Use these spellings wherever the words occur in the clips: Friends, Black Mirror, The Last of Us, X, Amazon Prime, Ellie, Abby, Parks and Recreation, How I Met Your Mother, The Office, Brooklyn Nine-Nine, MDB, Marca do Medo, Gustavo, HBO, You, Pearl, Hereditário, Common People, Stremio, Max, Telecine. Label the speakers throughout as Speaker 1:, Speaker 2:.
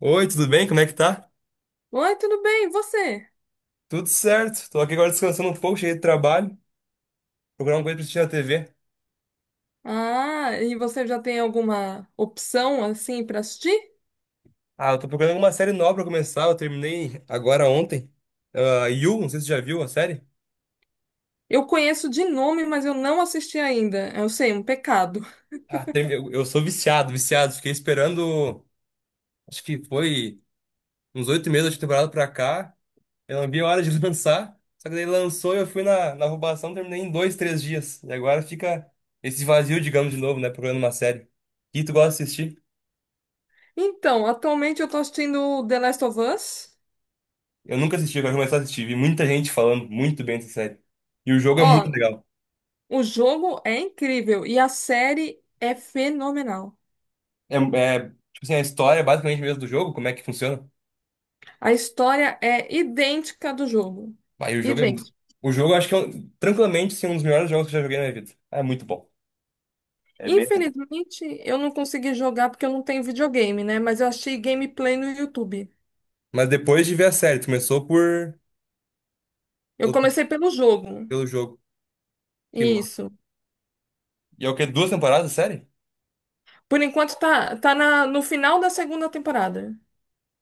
Speaker 1: Oi, tudo bem? Como é que tá?
Speaker 2: Oi, tudo bem? E você?
Speaker 1: Tudo certo. Tô aqui agora descansando um pouco, cheguei do trabalho, procurar uma coisa pra assistir na TV.
Speaker 2: Ah, e você já tem alguma opção assim para assistir?
Speaker 1: Ah, eu tô procurando uma série nova pra começar, eu terminei agora ontem. Ah, You, não sei se você já viu a série.
Speaker 2: Eu conheço de nome, mas eu não assisti ainda. Eu sei, um pecado.
Speaker 1: Ah, eu sou viciado, viciado. Fiquei esperando, acho que foi uns 8 meses de temporada pra cá. Eu não vi a hora de lançar, só que daí lançou e eu fui na roubação, terminei em dois, três dias. E agora fica esse vazio, digamos, de novo, né? Procurando uma série. E tu gosta de assistir?
Speaker 2: Então, atualmente eu tô assistindo The Last of Us.
Speaker 1: Eu nunca assisti, eu quero começar a assistir. Vi muita gente falando muito bem dessa série. E o jogo é muito
Speaker 2: Ó,
Speaker 1: legal.
Speaker 2: o jogo é incrível e a série é fenomenal.
Speaker 1: É, é, tipo assim, a história é basicamente mesmo do jogo, como é que funciona.
Speaker 2: A história é idêntica do jogo.
Speaker 1: Aí o jogo é.
Speaker 2: Idêntica.
Speaker 1: O jogo eu acho que é tranquilamente assim, um dos melhores jogos que eu já joguei na minha vida. Ah, é muito bom. É bem.
Speaker 2: Infelizmente, eu não consegui jogar porque eu não tenho videogame, né? Mas eu achei gameplay no YouTube.
Speaker 1: Mas depois de ver a série, tu começou por
Speaker 2: Eu
Speaker 1: o-
Speaker 2: comecei pelo jogo.
Speaker 1: pelo jogo. Que massa.
Speaker 2: Isso.
Speaker 1: E é o quê? Duas temporadas, série?
Speaker 2: Por enquanto tá no final da segunda temporada.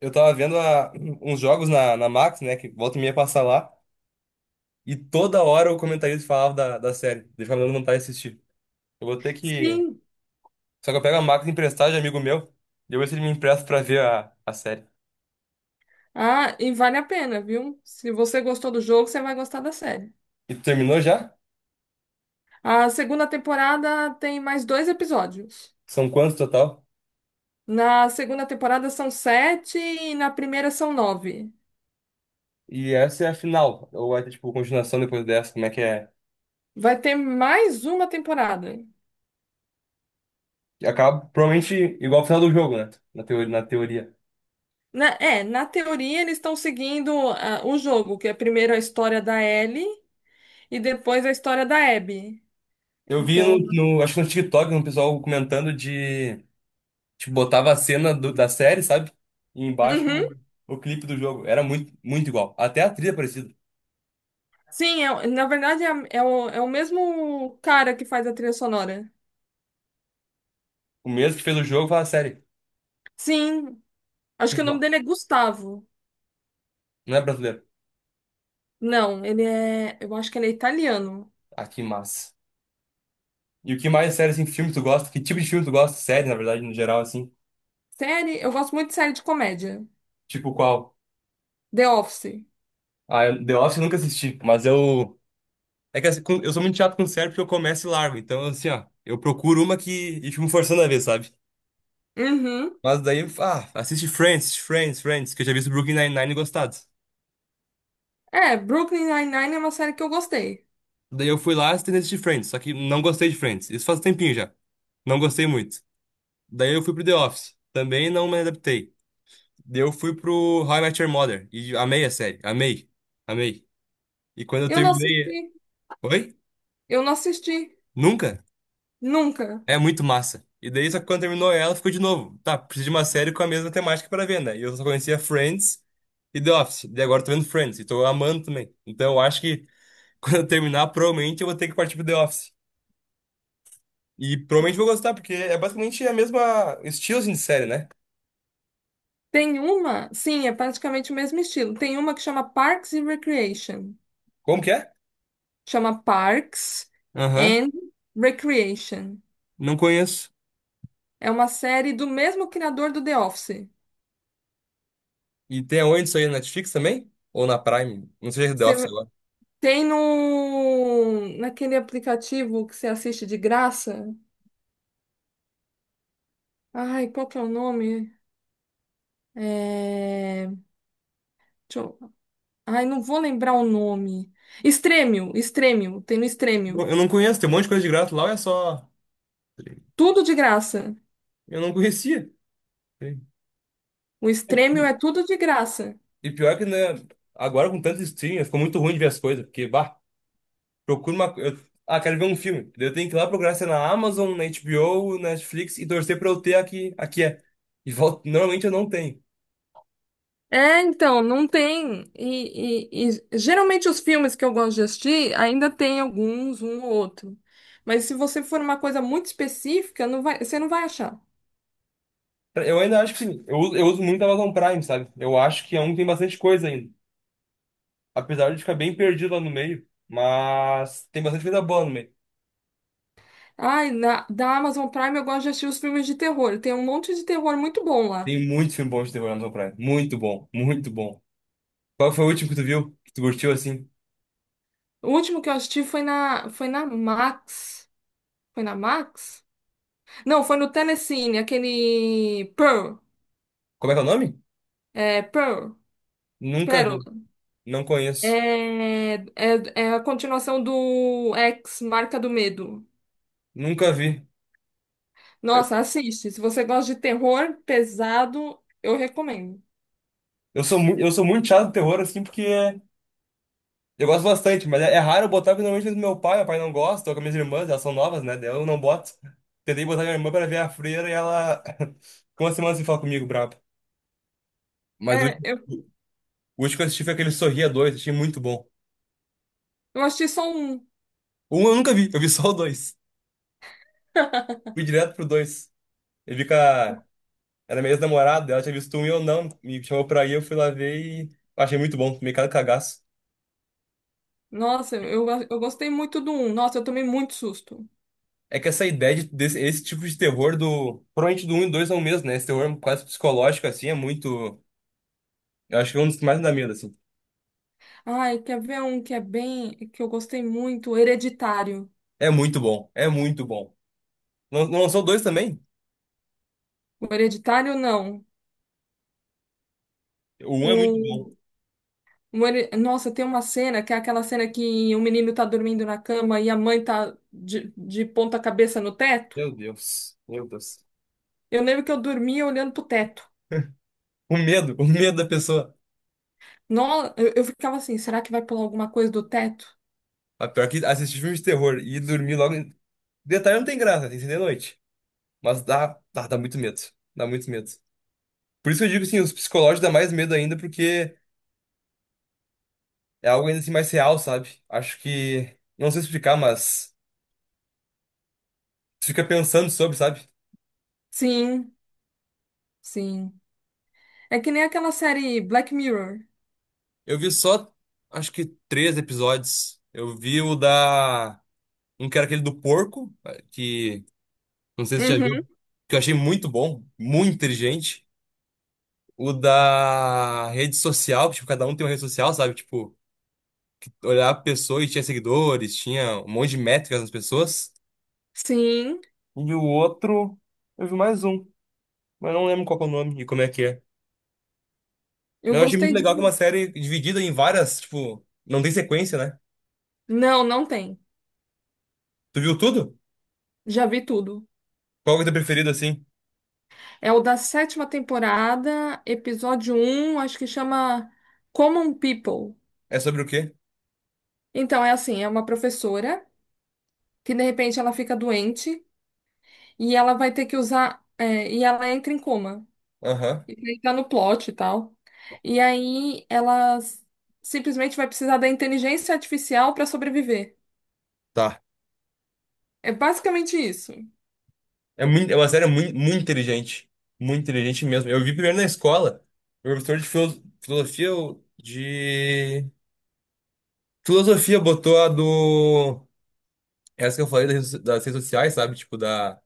Speaker 1: Eu tava vendo uns jogos na, Max, né? Que volta e meia passar lá. E toda hora o comentarista falava da série. Deixa eu dando vontade de assistir. Eu vou ter que.
Speaker 2: Sim.
Speaker 1: Só que eu pego a máquina emprestada de amigo meu. Depois ele me empresta pra ver a série.
Speaker 2: Ah, e vale a pena, viu? Se você gostou do jogo, você vai gostar da série.
Speaker 1: E tu terminou já?
Speaker 2: A segunda temporada tem mais dois episódios.
Speaker 1: São quantos total?
Speaker 2: Na segunda temporada são sete e na primeira são nove.
Speaker 1: E essa é a final. Ou vai ter, tipo, continuação depois dessa? Como é que é?
Speaker 2: Vai ter mais uma temporada.
Speaker 1: E acaba provavelmente igual o final do jogo, né? Na teoria, na teoria.
Speaker 2: Na teoria eles estão seguindo o jogo, que é primeiro a história da Ellie e depois a história da Abby.
Speaker 1: Eu vi
Speaker 2: Então,
Speaker 1: acho que no TikTok, um pessoal comentando de, tipo, botava a cena da série, sabe? E embaixo
Speaker 2: uhum.
Speaker 1: o clipe do jogo. Era muito, muito igual. Até a trilha é parecida.
Speaker 2: Sim, na verdade é o mesmo cara que faz a trilha sonora.
Speaker 1: O mesmo que fez o jogo faz a série.
Speaker 2: Sim, acho
Speaker 1: Que
Speaker 2: que o nome
Speaker 1: ma-
Speaker 2: dele é Gustavo.
Speaker 1: Não é brasileiro.
Speaker 2: Não, ele é. Eu acho que ele é italiano.
Speaker 1: Ah, que massa. E o que mais séries em filme tu gosta? Que tipo de filme tu gosta? Série, na verdade, no geral, assim.
Speaker 2: Série, eu gosto muito de série de comédia.
Speaker 1: Tipo qual?
Speaker 2: The Office.
Speaker 1: Ah, The Office eu nunca assisti, mas eu. É que assim, eu sou muito chato com série porque eu começo e largo. Então, assim, ó, eu procuro uma que. E fico me forçando a ver, sabe?
Speaker 2: Uhum.
Speaker 1: Mas daí, ah, assiste Friends, Friends, Friends, que eu já vi o Brooklyn Nine-Nine e gostado.
Speaker 2: É, Brooklyn Nine-Nine é uma série que eu gostei.
Speaker 1: Daí eu fui lá e tentei assistir Friends, só que não gostei de Friends. Isso faz um tempinho já. Não gostei muito. Daí eu fui pro The Office. Também não me adaptei. Daí eu fui pro How I Met Your Mother. E amei a série. Amei. Amei. E quando eu
Speaker 2: Eu não
Speaker 1: terminei.
Speaker 2: assisti.
Speaker 1: Oi?
Speaker 2: Eu não assisti.
Speaker 1: Nunca?
Speaker 2: Nunca.
Speaker 1: É muito massa. E daí, só que quando terminou ela, ficou de novo. Tá, preciso de uma série com a mesma temática pra ver, né? E eu só conhecia Friends e The Office. E agora eu tô vendo Friends e tô amando também. Então eu acho que quando eu terminar, provavelmente eu vou ter que partir pro The Office. E provavelmente vou gostar, porque é basicamente a mesma estilo assim, de série, né?
Speaker 2: Tem uma, sim, é praticamente o mesmo estilo. Tem uma que chama Parks and Recreation.
Speaker 1: Como que é?
Speaker 2: Chama Parks
Speaker 1: Aham,
Speaker 2: and Recreation.
Speaker 1: não conheço.
Speaker 2: É uma série do mesmo criador do The Office.
Speaker 1: E tem aonde isso aí? Na Netflix também? Ou na Prime? Não sei se é The Office
Speaker 2: Você
Speaker 1: agora.
Speaker 2: tem no naquele aplicativo que você assiste de graça. Ai, qual que é o nome? É... deixa eu- Ai, não vou lembrar o nome. Stremio, tem no Stremio.
Speaker 1: Eu não conheço, tem um monte de coisa de grato lá, ou é só.
Speaker 2: Tudo de graça.
Speaker 1: Eu não conhecia. E
Speaker 2: O Stremio é tudo de graça.
Speaker 1: E pior que, né, agora com tanto streaming, ficou muito ruim de ver as coisas, porque, bah, procura uma. Eu, ah, quero ver um filme. Daí eu tenho que ir lá procurar se é na Amazon, na HBO, na Netflix e torcer pra eu ter aqui, aqui é. E volta, normalmente eu não tenho.
Speaker 2: É, então, não tem. E geralmente os filmes que eu gosto de assistir ainda tem alguns, um ou outro. Mas se você for uma coisa muito específica, não vai, você não vai achar.
Speaker 1: Eu ainda acho que sim, eu uso muito a Amazon Prime, sabe? Eu acho que é um que tem bastante coisa ainda. Apesar de ficar bem perdido lá no meio, mas tem bastante coisa boa no meio.
Speaker 2: Ai, da Amazon Prime eu gosto de assistir os filmes de terror. Tem um monte de terror muito bom lá.
Speaker 1: Tem muito filme bom de terror na Amazon Prime. Muito bom, muito bom. Qual foi o último que tu viu? Que tu curtiu assim?
Speaker 2: O último que eu assisti foi na Max. Foi na Max? Não, foi no Telecine, aquele Pearl.
Speaker 1: Como é que é o nome?
Speaker 2: É, Pearl.
Speaker 1: Nunca vi,
Speaker 2: Pérola.
Speaker 1: não conheço.
Speaker 2: É, é, é a continuação do X, Marca do Medo.
Speaker 1: Nunca vi.
Speaker 2: Nossa, assiste. Se você gosta de terror pesado, eu recomendo.
Speaker 1: Eu sou muito chato de terror, assim, porque eu gosto bastante, mas é raro eu botar, porque normalmente é do meu pai não gosta, ou com as minhas irmãs, elas são novas, né? Daí eu não boto. Tentei botar minha irmã pra ver a freira e ela ficou uma semana sem falar comigo, brabo. Mas o
Speaker 2: É,
Speaker 1: último,
Speaker 2: eu,
Speaker 1: o último que eu assisti foi aquele Sorria dois, achei muito bom.
Speaker 2: eu assisti só um.
Speaker 1: Um eu nunca vi, eu vi só o dois. Fui direto pro dois. Eu vi com a... Era minha ex-namorada, ela tinha visto um e eu não, me chamou pra ir, eu fui lá ver e achei muito bom, tomei cada cagaço.
Speaker 2: Nossa, eu gostei muito do um. Nossa, eu tomei muito susto.
Speaker 1: É que essa ideia de, desse, esse tipo de terror do. Provavelmente do um e 2 é o mesmo, né? Esse terror quase psicológico, assim, é muito. Eu acho que é um dos que mais me dá medo, assim.
Speaker 2: Ai, quer ver um que é bem, que eu gostei muito? O Hereditário.
Speaker 1: É muito bom. É muito bom. Não lançou dois também?
Speaker 2: O Hereditário, não.
Speaker 1: O um
Speaker 2: O,
Speaker 1: é muito bom.
Speaker 2: Nossa, tem uma cena que é aquela cena que o menino tá dormindo na cama e a mãe tá de ponta cabeça no teto.
Speaker 1: Meu Deus. Meu Deus.
Speaker 2: Eu lembro que eu dormia olhando pro teto.
Speaker 1: O medo da pessoa.
Speaker 2: Não, eu ficava assim, será que vai pular alguma coisa do teto?
Speaker 1: A pior que assistir filme de terror e dormir logo. Detalhe não tem graça, tem que ser de noite. Mas dá, dá, dá muito medo. Dá muito medo. Por isso que eu digo assim, os psicológicos dá mais medo ainda, porque é algo ainda assim mais real, sabe? Acho que. Não sei explicar, mas. Você fica pensando sobre, sabe?
Speaker 2: Sim, sim. É que nem aquela série Black Mirror.
Speaker 1: Eu vi só, acho que três episódios. Eu vi o da. Um que era aquele do porco, que. Não sei se você já viu.
Speaker 2: Uhum.
Speaker 1: Que eu achei muito bom, muito inteligente. O da rede social, que, tipo, cada um tem uma rede social, sabe? Tipo, olhar a pessoa e tinha seguidores, tinha um monte de métricas nas pessoas.
Speaker 2: Sim,
Speaker 1: E o outro. Eu vi mais um, mas não lembro qual que é o nome e como é que é.
Speaker 2: eu
Speaker 1: Mas eu achei muito
Speaker 2: gostei de.
Speaker 1: legal que é uma série dividida em várias, tipo, não tem sequência, né?
Speaker 2: Não, não tem.
Speaker 1: Tu viu tudo?
Speaker 2: Já vi tudo.
Speaker 1: Qual que é o teu preferido, assim?
Speaker 2: É o da sétima temporada, episódio um acho que chama Common People.
Speaker 1: É sobre o quê?
Speaker 2: Então, é assim, é uma professora que de repente ela fica doente e ela vai ter que usar. E ela entra em coma.
Speaker 1: Aham.
Speaker 2: E aí tá no plot e tal. E aí simplesmente vai precisar da inteligência artificial para sobreviver.
Speaker 1: Tá.
Speaker 2: É basicamente isso.
Speaker 1: É, muito, é uma série muito, muito inteligente. Muito inteligente mesmo. Eu vi primeiro na escola. O professor de filosofia ou de. Filosofia botou a do. Essa que eu falei das redes sociais, sabe? Tipo, da...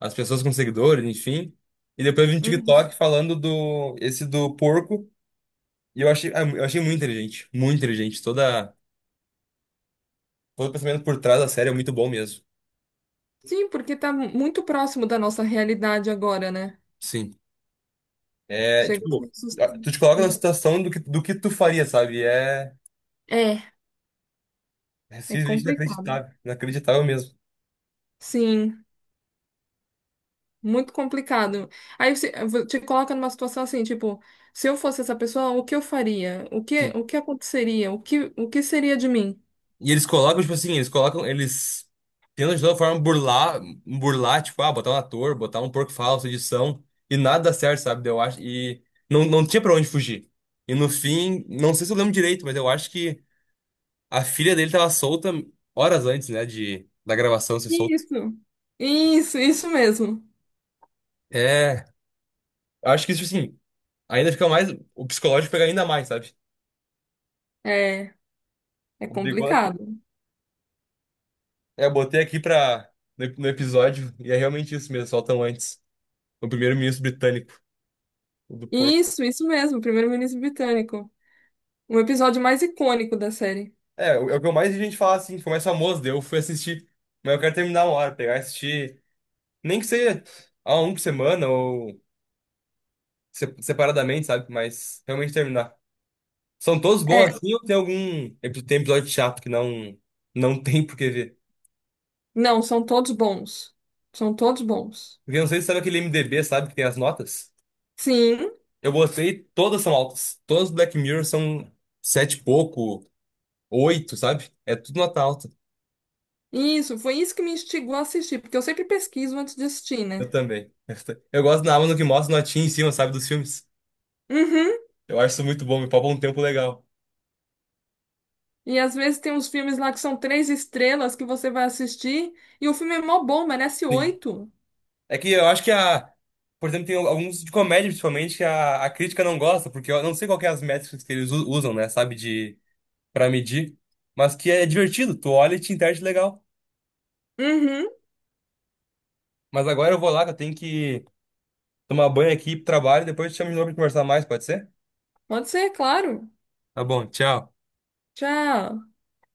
Speaker 1: as pessoas com seguidores, enfim. E depois eu vi no
Speaker 2: Uhum.
Speaker 1: TikTok falando do. Esse do porco. E eu achei, ah, eu achei muito inteligente. Muito inteligente. Toda... Todo o pensamento por trás da série é muito bom mesmo.
Speaker 2: Sim, porque muito próximo da nossa realidade agora, né?
Speaker 1: Sim. É,
Speaker 2: Chega a ser
Speaker 1: tipo,
Speaker 2: assustador.
Speaker 1: tu te coloca na situação do que tu faria, sabe? É,
Speaker 2: É,
Speaker 1: é
Speaker 2: é
Speaker 1: simplesmente
Speaker 2: complicado.
Speaker 1: inacreditável, inacreditável mesmo.
Speaker 2: Sim, muito complicado. Aí te coloca numa situação assim, tipo, se eu fosse essa pessoa, o que eu faria?
Speaker 1: Sim.
Speaker 2: O que aconteceria? O que seria de mim?
Speaker 1: E eles colocam, tipo assim, eles colocam, eles tentam de toda forma burlar, burlar, tipo, ah, botar um ator, botar um porco falso, edição, e nada dá certo, sabe? Eu acho, e não tinha pra onde fugir. E no fim, não sei se eu lembro direito, mas eu acho que a filha dele tava solta horas antes, né, da gravação ser solta.
Speaker 2: Isso, isso mesmo.
Speaker 1: É, eu acho que isso, assim, ainda fica mais, o psicológico pega ainda mais, sabe?
Speaker 2: É, é
Speaker 1: O bigode.
Speaker 2: complicado.
Speaker 1: É, eu botei aqui pra, no episódio, e é realmente isso mesmo, soltam antes. O primeiro-ministro britânico, o do porco.
Speaker 2: Isso mesmo, Primeiro-Ministro Britânico. Um episódio mais icônico da série.
Speaker 1: É, é o que eu mais vi gente falar assim, foi mais famoso, daí eu fui assistir. Mas eu quero terminar uma hora, pegar e assistir. Nem que seja a um por semana ou separadamente, sabe? Mas realmente terminar. São todos
Speaker 2: É,
Speaker 1: bons assim ou tem algum. Tem episódio chato que não tem por que ver?
Speaker 2: não, são todos bons. São todos bons.
Speaker 1: Porque eu não sei se sabe aquele MDB, sabe, que tem as notas?
Speaker 2: Sim,
Speaker 1: Eu botei, todas são altas. Todas do Black Mirror são 7 e pouco. 8, sabe? É tudo nota alta.
Speaker 2: isso, foi isso que me instigou a assistir, porque eu sempre pesquiso antes de assistir,
Speaker 1: Eu
Speaker 2: né?
Speaker 1: também. Eu gosto na Amazon que mostra notinha em cima, sabe, dos filmes.
Speaker 2: Uhum.
Speaker 1: Eu acho isso muito bom, me poupa um tempo legal.
Speaker 2: E às vezes tem uns filmes lá que são três estrelas que você vai assistir e o filme é mó bom, merece
Speaker 1: Sim.
Speaker 2: oito.
Speaker 1: É que eu acho que a. Por exemplo, tem alguns de comédia, principalmente, que a, crítica não gosta, porque eu não sei qual que é as métricas que eles usam, né, sabe, de pra medir. Mas que é divertido, tu olha e te interage legal.
Speaker 2: Uhum.
Speaker 1: Mas agora eu vou lá, que eu tenho que tomar banho aqui pro trabalho, depois eu te chamo de novo pra conversar mais, pode ser?
Speaker 2: Pode ser, claro.
Speaker 1: Tá bom, tchau.
Speaker 2: Tchau.